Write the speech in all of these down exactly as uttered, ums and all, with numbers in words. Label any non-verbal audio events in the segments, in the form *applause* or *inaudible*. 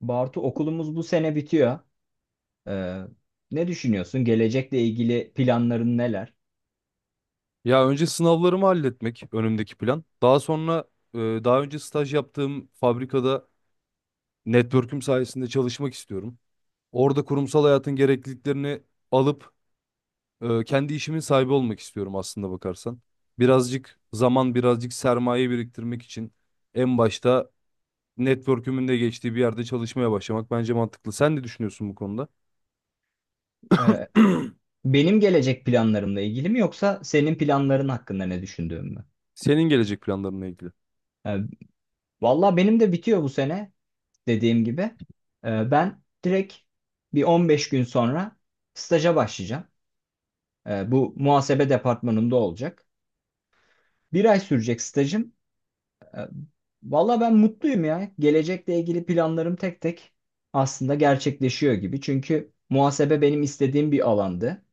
Bartu okulumuz bu sene bitiyor. Ee, Ne düşünüyorsun? Gelecekle ilgili planların neler? Ya önce sınavlarımı halletmek önümdeki plan. Daha sonra e, daha önce staj yaptığım fabrikada network'üm sayesinde çalışmak istiyorum. Orada kurumsal hayatın gerekliliklerini alıp e, kendi işimin sahibi olmak istiyorum aslında bakarsan. Birazcık zaman, birazcık sermaye biriktirmek için en başta network'ümün de geçtiği bir yerde çalışmaya başlamak bence mantıklı. Sen ne düşünüyorsun bu konuda? Ee, *clears throat* Benim gelecek planlarımla ilgili mi yoksa senin planların hakkında ne düşündüğüm mü? Senin gelecek planlarınla ilgili. Ee, Valla benim de bitiyor bu sene dediğim gibi. Ee, ben direkt bir on beş gün sonra staja başlayacağım. Ee, bu muhasebe departmanında olacak. Bir ay sürecek stajım. E, Valla ben mutluyum ya. Gelecekle ilgili planlarım tek tek aslında gerçekleşiyor gibi. Çünkü muhasebe benim istediğim bir alandı.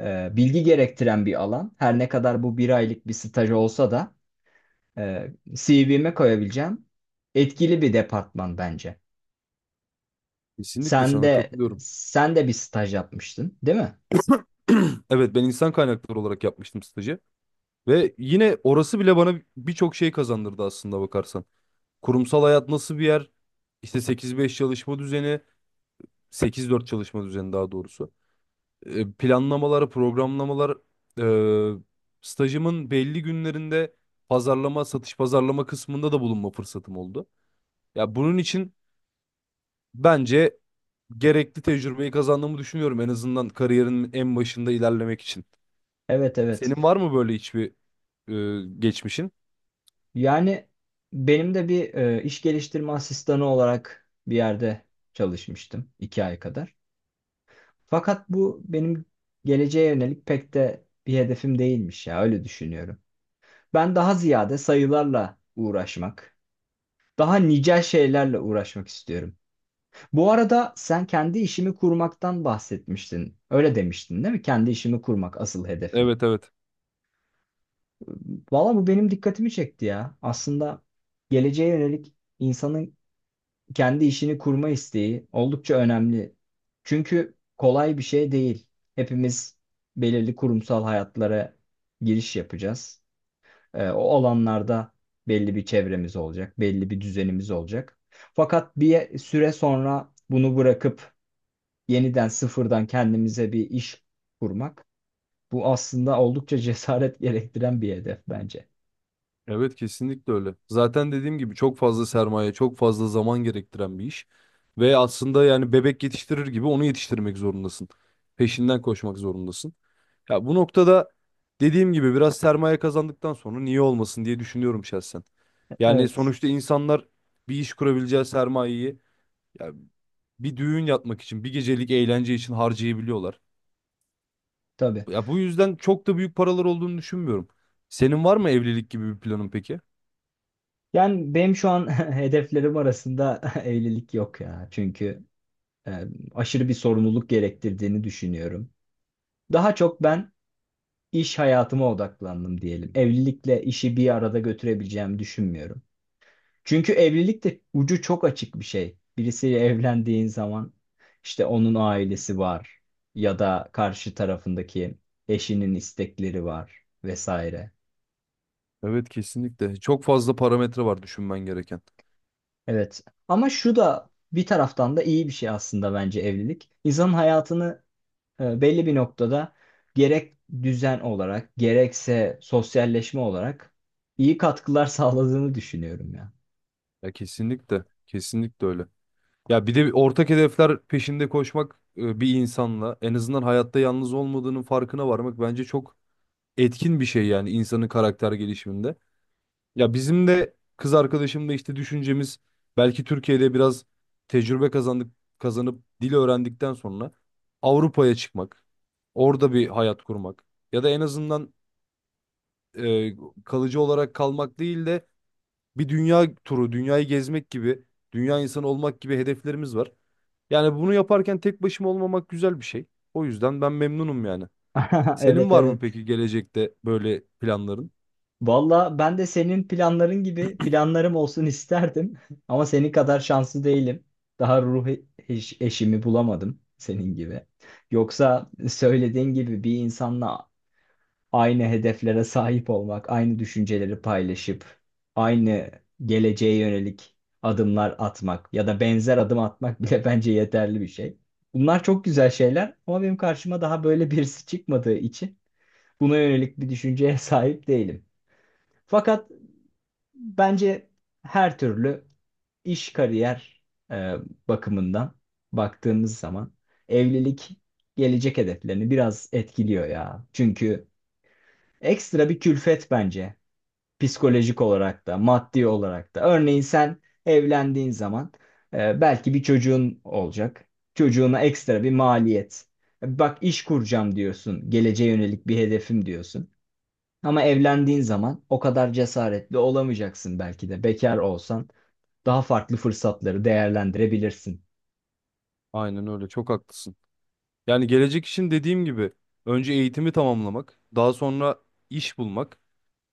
E, bilgi gerektiren bir alan. Her ne kadar bu bir aylık bir staj olsa da e, C V'me koyabileceğim etkili bir departman bence. Kesinlikle Sen sana de katılıyorum. sen de bir staj yapmıştın, değil mi? *clears throat* Evet ben insan kaynakları olarak yapmıştım stajı. Ve yine orası bile bana birçok şey kazandırdı aslında bakarsan. Kurumsal hayat nasıl bir yer? İşte sekiz beş çalışma düzeni, sekiz dört çalışma düzeni daha doğrusu. E, planlamalar, programlamalar, e, stajımın belli günlerinde pazarlama, satış pazarlama kısmında da bulunma fırsatım oldu. Ya bunun için bence gerekli tecrübeyi kazandığımı düşünüyorum en azından kariyerin en başında ilerlemek için. Evet, evet. Senin var mı böyle hiçbir e, geçmişin? Yani benim de bir e, iş geliştirme asistanı olarak bir yerde çalışmıştım iki ay kadar. Fakat bu benim geleceğe yönelik pek de bir hedefim değilmiş ya, öyle düşünüyorum. Ben daha ziyade sayılarla uğraşmak, daha nicel şeylerle uğraşmak istiyorum. Bu arada sen kendi işimi kurmaktan bahsetmiştin. Öyle demiştin değil mi? Kendi işimi kurmak asıl hedefim. Evet, evet. Valla bu benim dikkatimi çekti ya. Aslında geleceğe yönelik insanın kendi işini kurma isteği oldukça önemli. Çünkü kolay bir şey değil. Hepimiz belirli kurumsal hayatlara giriş yapacağız. Ee, o alanlarda belli bir çevremiz olacak, belli bir düzenimiz olacak. Fakat bir süre sonra bunu bırakıp yeniden sıfırdan kendimize bir iş kurmak, bu aslında oldukça cesaret *laughs* gerektiren bir hedef bence. Evet, kesinlikle öyle. Zaten dediğim gibi çok fazla sermaye, çok fazla zaman gerektiren bir iş. Ve aslında yani bebek yetiştirir gibi onu yetiştirmek zorundasın. Peşinden koşmak zorundasın. Ya bu noktada dediğim gibi biraz sermaye kazandıktan sonra niye olmasın diye düşünüyorum şahsen. Yani Evet. sonuçta insanlar bir iş kurabileceği sermayeyi ya bir düğün yapmak için, bir gecelik eğlence için harcayabiliyorlar. Tabii. Ya bu yüzden çok da büyük paralar olduğunu düşünmüyorum. Senin var mı evlilik gibi bir planın peki? Yani benim şu an *laughs* hedeflerim arasında *laughs* evlilik yok ya. Çünkü e, aşırı bir sorumluluk gerektirdiğini düşünüyorum. Daha çok ben iş hayatıma odaklandım diyelim. Evlilikle işi bir arada götürebileceğimi düşünmüyorum. Çünkü evlilik de ucu çok açık bir şey. Birisiyle evlendiğin zaman işte onun ailesi var ya da karşı tarafındaki eşinin istekleri var vesaire. Evet, kesinlikle. Çok fazla parametre var düşünmen gereken. Evet. Ama şu da bir taraftan da iyi bir şey aslında bence evlilik. İnsanın hayatını E, belli bir noktada gerek düzen olarak gerekse sosyalleşme olarak iyi katkılar *laughs* sağladığını düşünüyorum ya. Ya kesinlikle. Kesinlikle öyle. Ya bir de ortak hedefler peşinde koşmak, e, bir insanla en azından hayatta yalnız olmadığının farkına varmak bence çok etkin bir şey yani insanın karakter gelişiminde. Ya bizim de kız arkadaşımla işte düşüncemiz belki Türkiye'de biraz tecrübe kazandık kazanıp dil öğrendikten sonra Avrupa'ya çıkmak, orada bir hayat kurmak ya da en azından e, kalıcı olarak kalmak değil de bir dünya turu, dünyayı gezmek gibi, dünya insanı olmak gibi hedeflerimiz var. Yani bunu yaparken tek başıma olmamak güzel bir şey. O yüzden ben memnunum yani. *laughs* Senin Evet, var mı evet. peki gelecekte böyle planların? Valla ben de senin planların gibi planlarım olsun isterdim. *laughs* Ama senin kadar şanslı değilim. Daha ruh e- eş- eşimi bulamadım senin gibi. Yoksa söylediğin gibi bir insanla aynı hedeflere sahip olmak, aynı düşünceleri paylaşıp, aynı geleceğe yönelik adımlar atmak ya da benzer adım atmak bile *laughs* bence yeterli bir şey. Bunlar çok güzel şeyler ama benim karşıma daha böyle birisi çıkmadığı için buna yönelik bir düşünceye *laughs* sahip değilim. Fakat bence her türlü iş kariyer e, bakımından baktığımız zaman evlilik gelecek hedeflerini biraz etkiliyor ya. Çünkü ekstra bir külfet bence, psikolojik olarak da maddi olarak da. Örneğin sen evlendiğin zaman e, belki bir çocuğun olacak. Çocuğuna ekstra bir maliyet. Bak, iş kuracağım diyorsun. Geleceğe yönelik bir hedefim diyorsun. Ama evlendiğin zaman o kadar cesaretli olamayacaksın, belki de bekar olsan daha farklı fırsatları değerlendirebilirsin. Aynen öyle, çok haklısın. Yani gelecek için dediğim gibi önce eğitimi tamamlamak, daha sonra iş bulmak,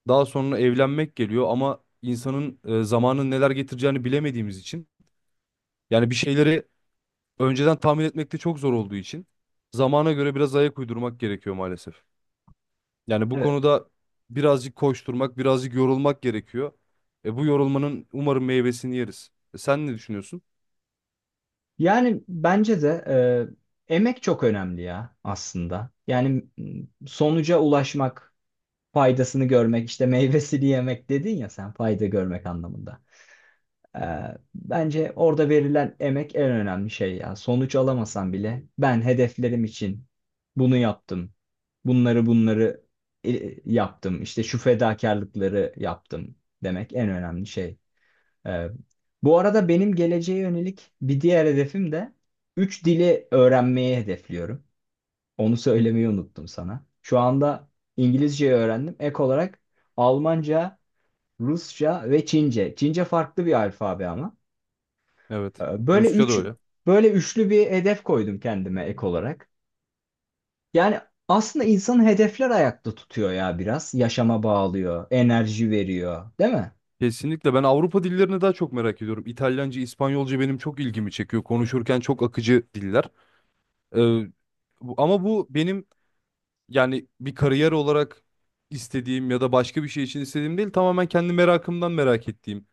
daha sonra evlenmek geliyor ama insanın e, zamanın neler getireceğini bilemediğimiz için yani bir şeyleri önceden tahmin etmekte çok zor olduğu için zamana göre biraz ayak uydurmak gerekiyor maalesef. Yani bu Evet. konuda birazcık koşturmak, birazcık yorulmak gerekiyor. E bu yorulmanın umarım meyvesini yeriz. E sen ne düşünüyorsun? Yani bence de e, emek çok önemli ya aslında. Yani m, sonuca ulaşmak, faydasını görmek, işte meyvesini yemek dedin ya sen, fayda görmek anlamında. E, Bence orada verilen emek en önemli şey ya. Sonuç alamasan bile ben hedeflerim için bunu yaptım. Bunları bunları e, yaptım. İşte şu fedakarlıkları yaptım demek en önemli şey. Ee, Bu arada benim geleceğe yönelik bir diğer hedefim de üç dili öğrenmeyi hedefliyorum. Onu söylemeyi unuttum sana. Şu anda İngilizceyi öğrendim. Ek olarak Almanca, Rusça ve Çince. Çince farklı bir alfabe ama. Evet. Ee, Böyle Rusça da üç, öyle. Böyle üçlü bir hedef koydum kendime ek olarak. Yani aslında insanın hedefler ayakta tutuyor ya biraz. Yaşama bağlıyor, enerji veriyor, değil mi? Kesinlikle ben Avrupa dillerini daha çok merak ediyorum. İtalyanca, İspanyolca benim çok ilgimi çekiyor. Konuşurken çok akıcı diller. E, bu- ama bu benim yani bir kariyer olarak istediğim ya da başka bir şey için istediğim değil. Tamamen kendi merakımdan merak ettiğim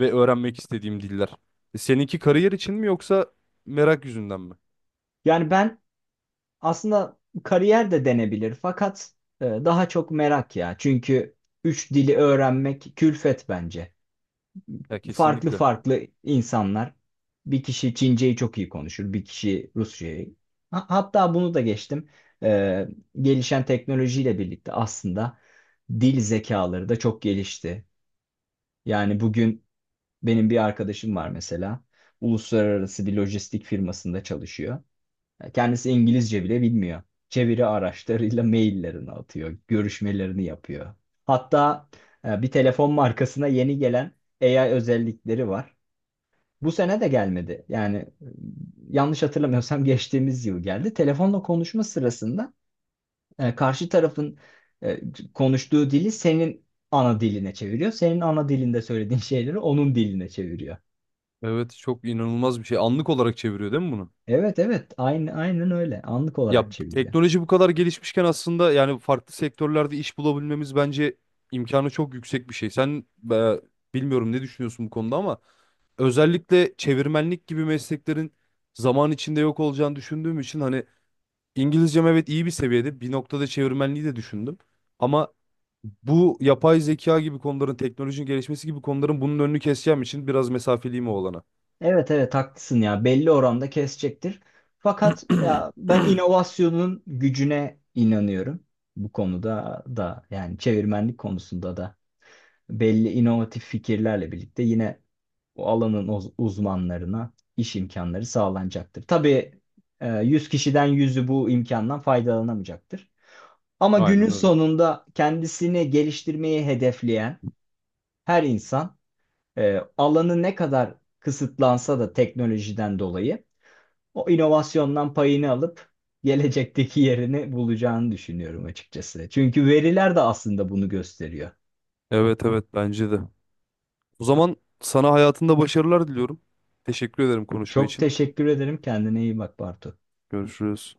ve öğrenmek istediğim diller. E, seninki kariyer için mi yoksa merak yüzünden mi? Yani ben aslında kariyer de denebilir fakat e, daha çok merak ya. Çünkü üç dili öğrenmek külfet bence. Ya Farklı kesinlikle. farklı insanlar. Bir kişi Çince'yi çok iyi konuşur, bir kişi Rusça'yı. Ha- hatta bunu da geçtim. E, Gelişen teknolojiyle birlikte aslında dil zekaları da çok gelişti. Yani bugün benim bir arkadaşım var mesela. Uluslararası bir lojistik firmasında çalışıyor. Kendisi İngilizce bile bilmiyor. Çeviri araçlarıyla maillerini atıyor, görüşmelerini yapıyor. Hatta e, bir telefon markasına yeni gelen A I özellikleri var. Bu sene de gelmedi. Yani e, yanlış hatırlamıyorsam *laughs* geçtiğimiz yıl geldi. Telefonla konuşma sırasında e, karşı tarafın e, konuştuğu dili senin ana diline çeviriyor. Senin ana dilinde söylediğin şeyleri onun diline çeviriyor. Evet, çok inanılmaz bir şey. Anlık olarak çeviriyor değil mi bunu? Evet, evet, aynı aynen öyle. Anlık Ya olarak çeviriyor. teknoloji bu kadar gelişmişken aslında yani farklı sektörlerde iş bulabilmemiz bence imkanı çok yüksek bir şey. Sen e, bilmiyorum ne düşünüyorsun bu konuda ama özellikle çevirmenlik gibi mesleklerin zaman içinde yok olacağını düşündüğüm için hani İngilizcem evet iyi bir seviyede. Bir noktada çevirmenliği de düşündüm. Ama bu yapay zeka gibi konuların, teknolojinin gelişmesi gibi konuların bunun önünü keseceğim için biraz mesafeliyim o olana. Evet, evet, haklısın ya, belli oranda kesecektir. Fakat ya ben inovasyonun gücüne inanıyorum. Bu konuda da yani çevirmenlik konusunda da belli inovatif fikirlerle birlikte yine o alanın uz- uzmanlarına iş imkanları sağlanacaktır. Tabii e, yüz kişiden yüzü bu imkandan faydalanamayacaktır. Ama günün Aynen öyle. sonunda kendisini geliştirmeyi hedefleyen her insan e, alanı ne kadar kısıtlansa da teknolojiden dolayı o inovasyondan payını alıp gelecekteki yerini bulacağını düşünüyorum açıkçası. Çünkü veriler de aslında bunu gösteriyor. Evet, evet, bence de. O zaman sana hayatında başarılar diliyorum. Teşekkür ederim konuşma Çok için. teşekkür ederim. Kendine iyi bak, Bartu. Görüşürüz.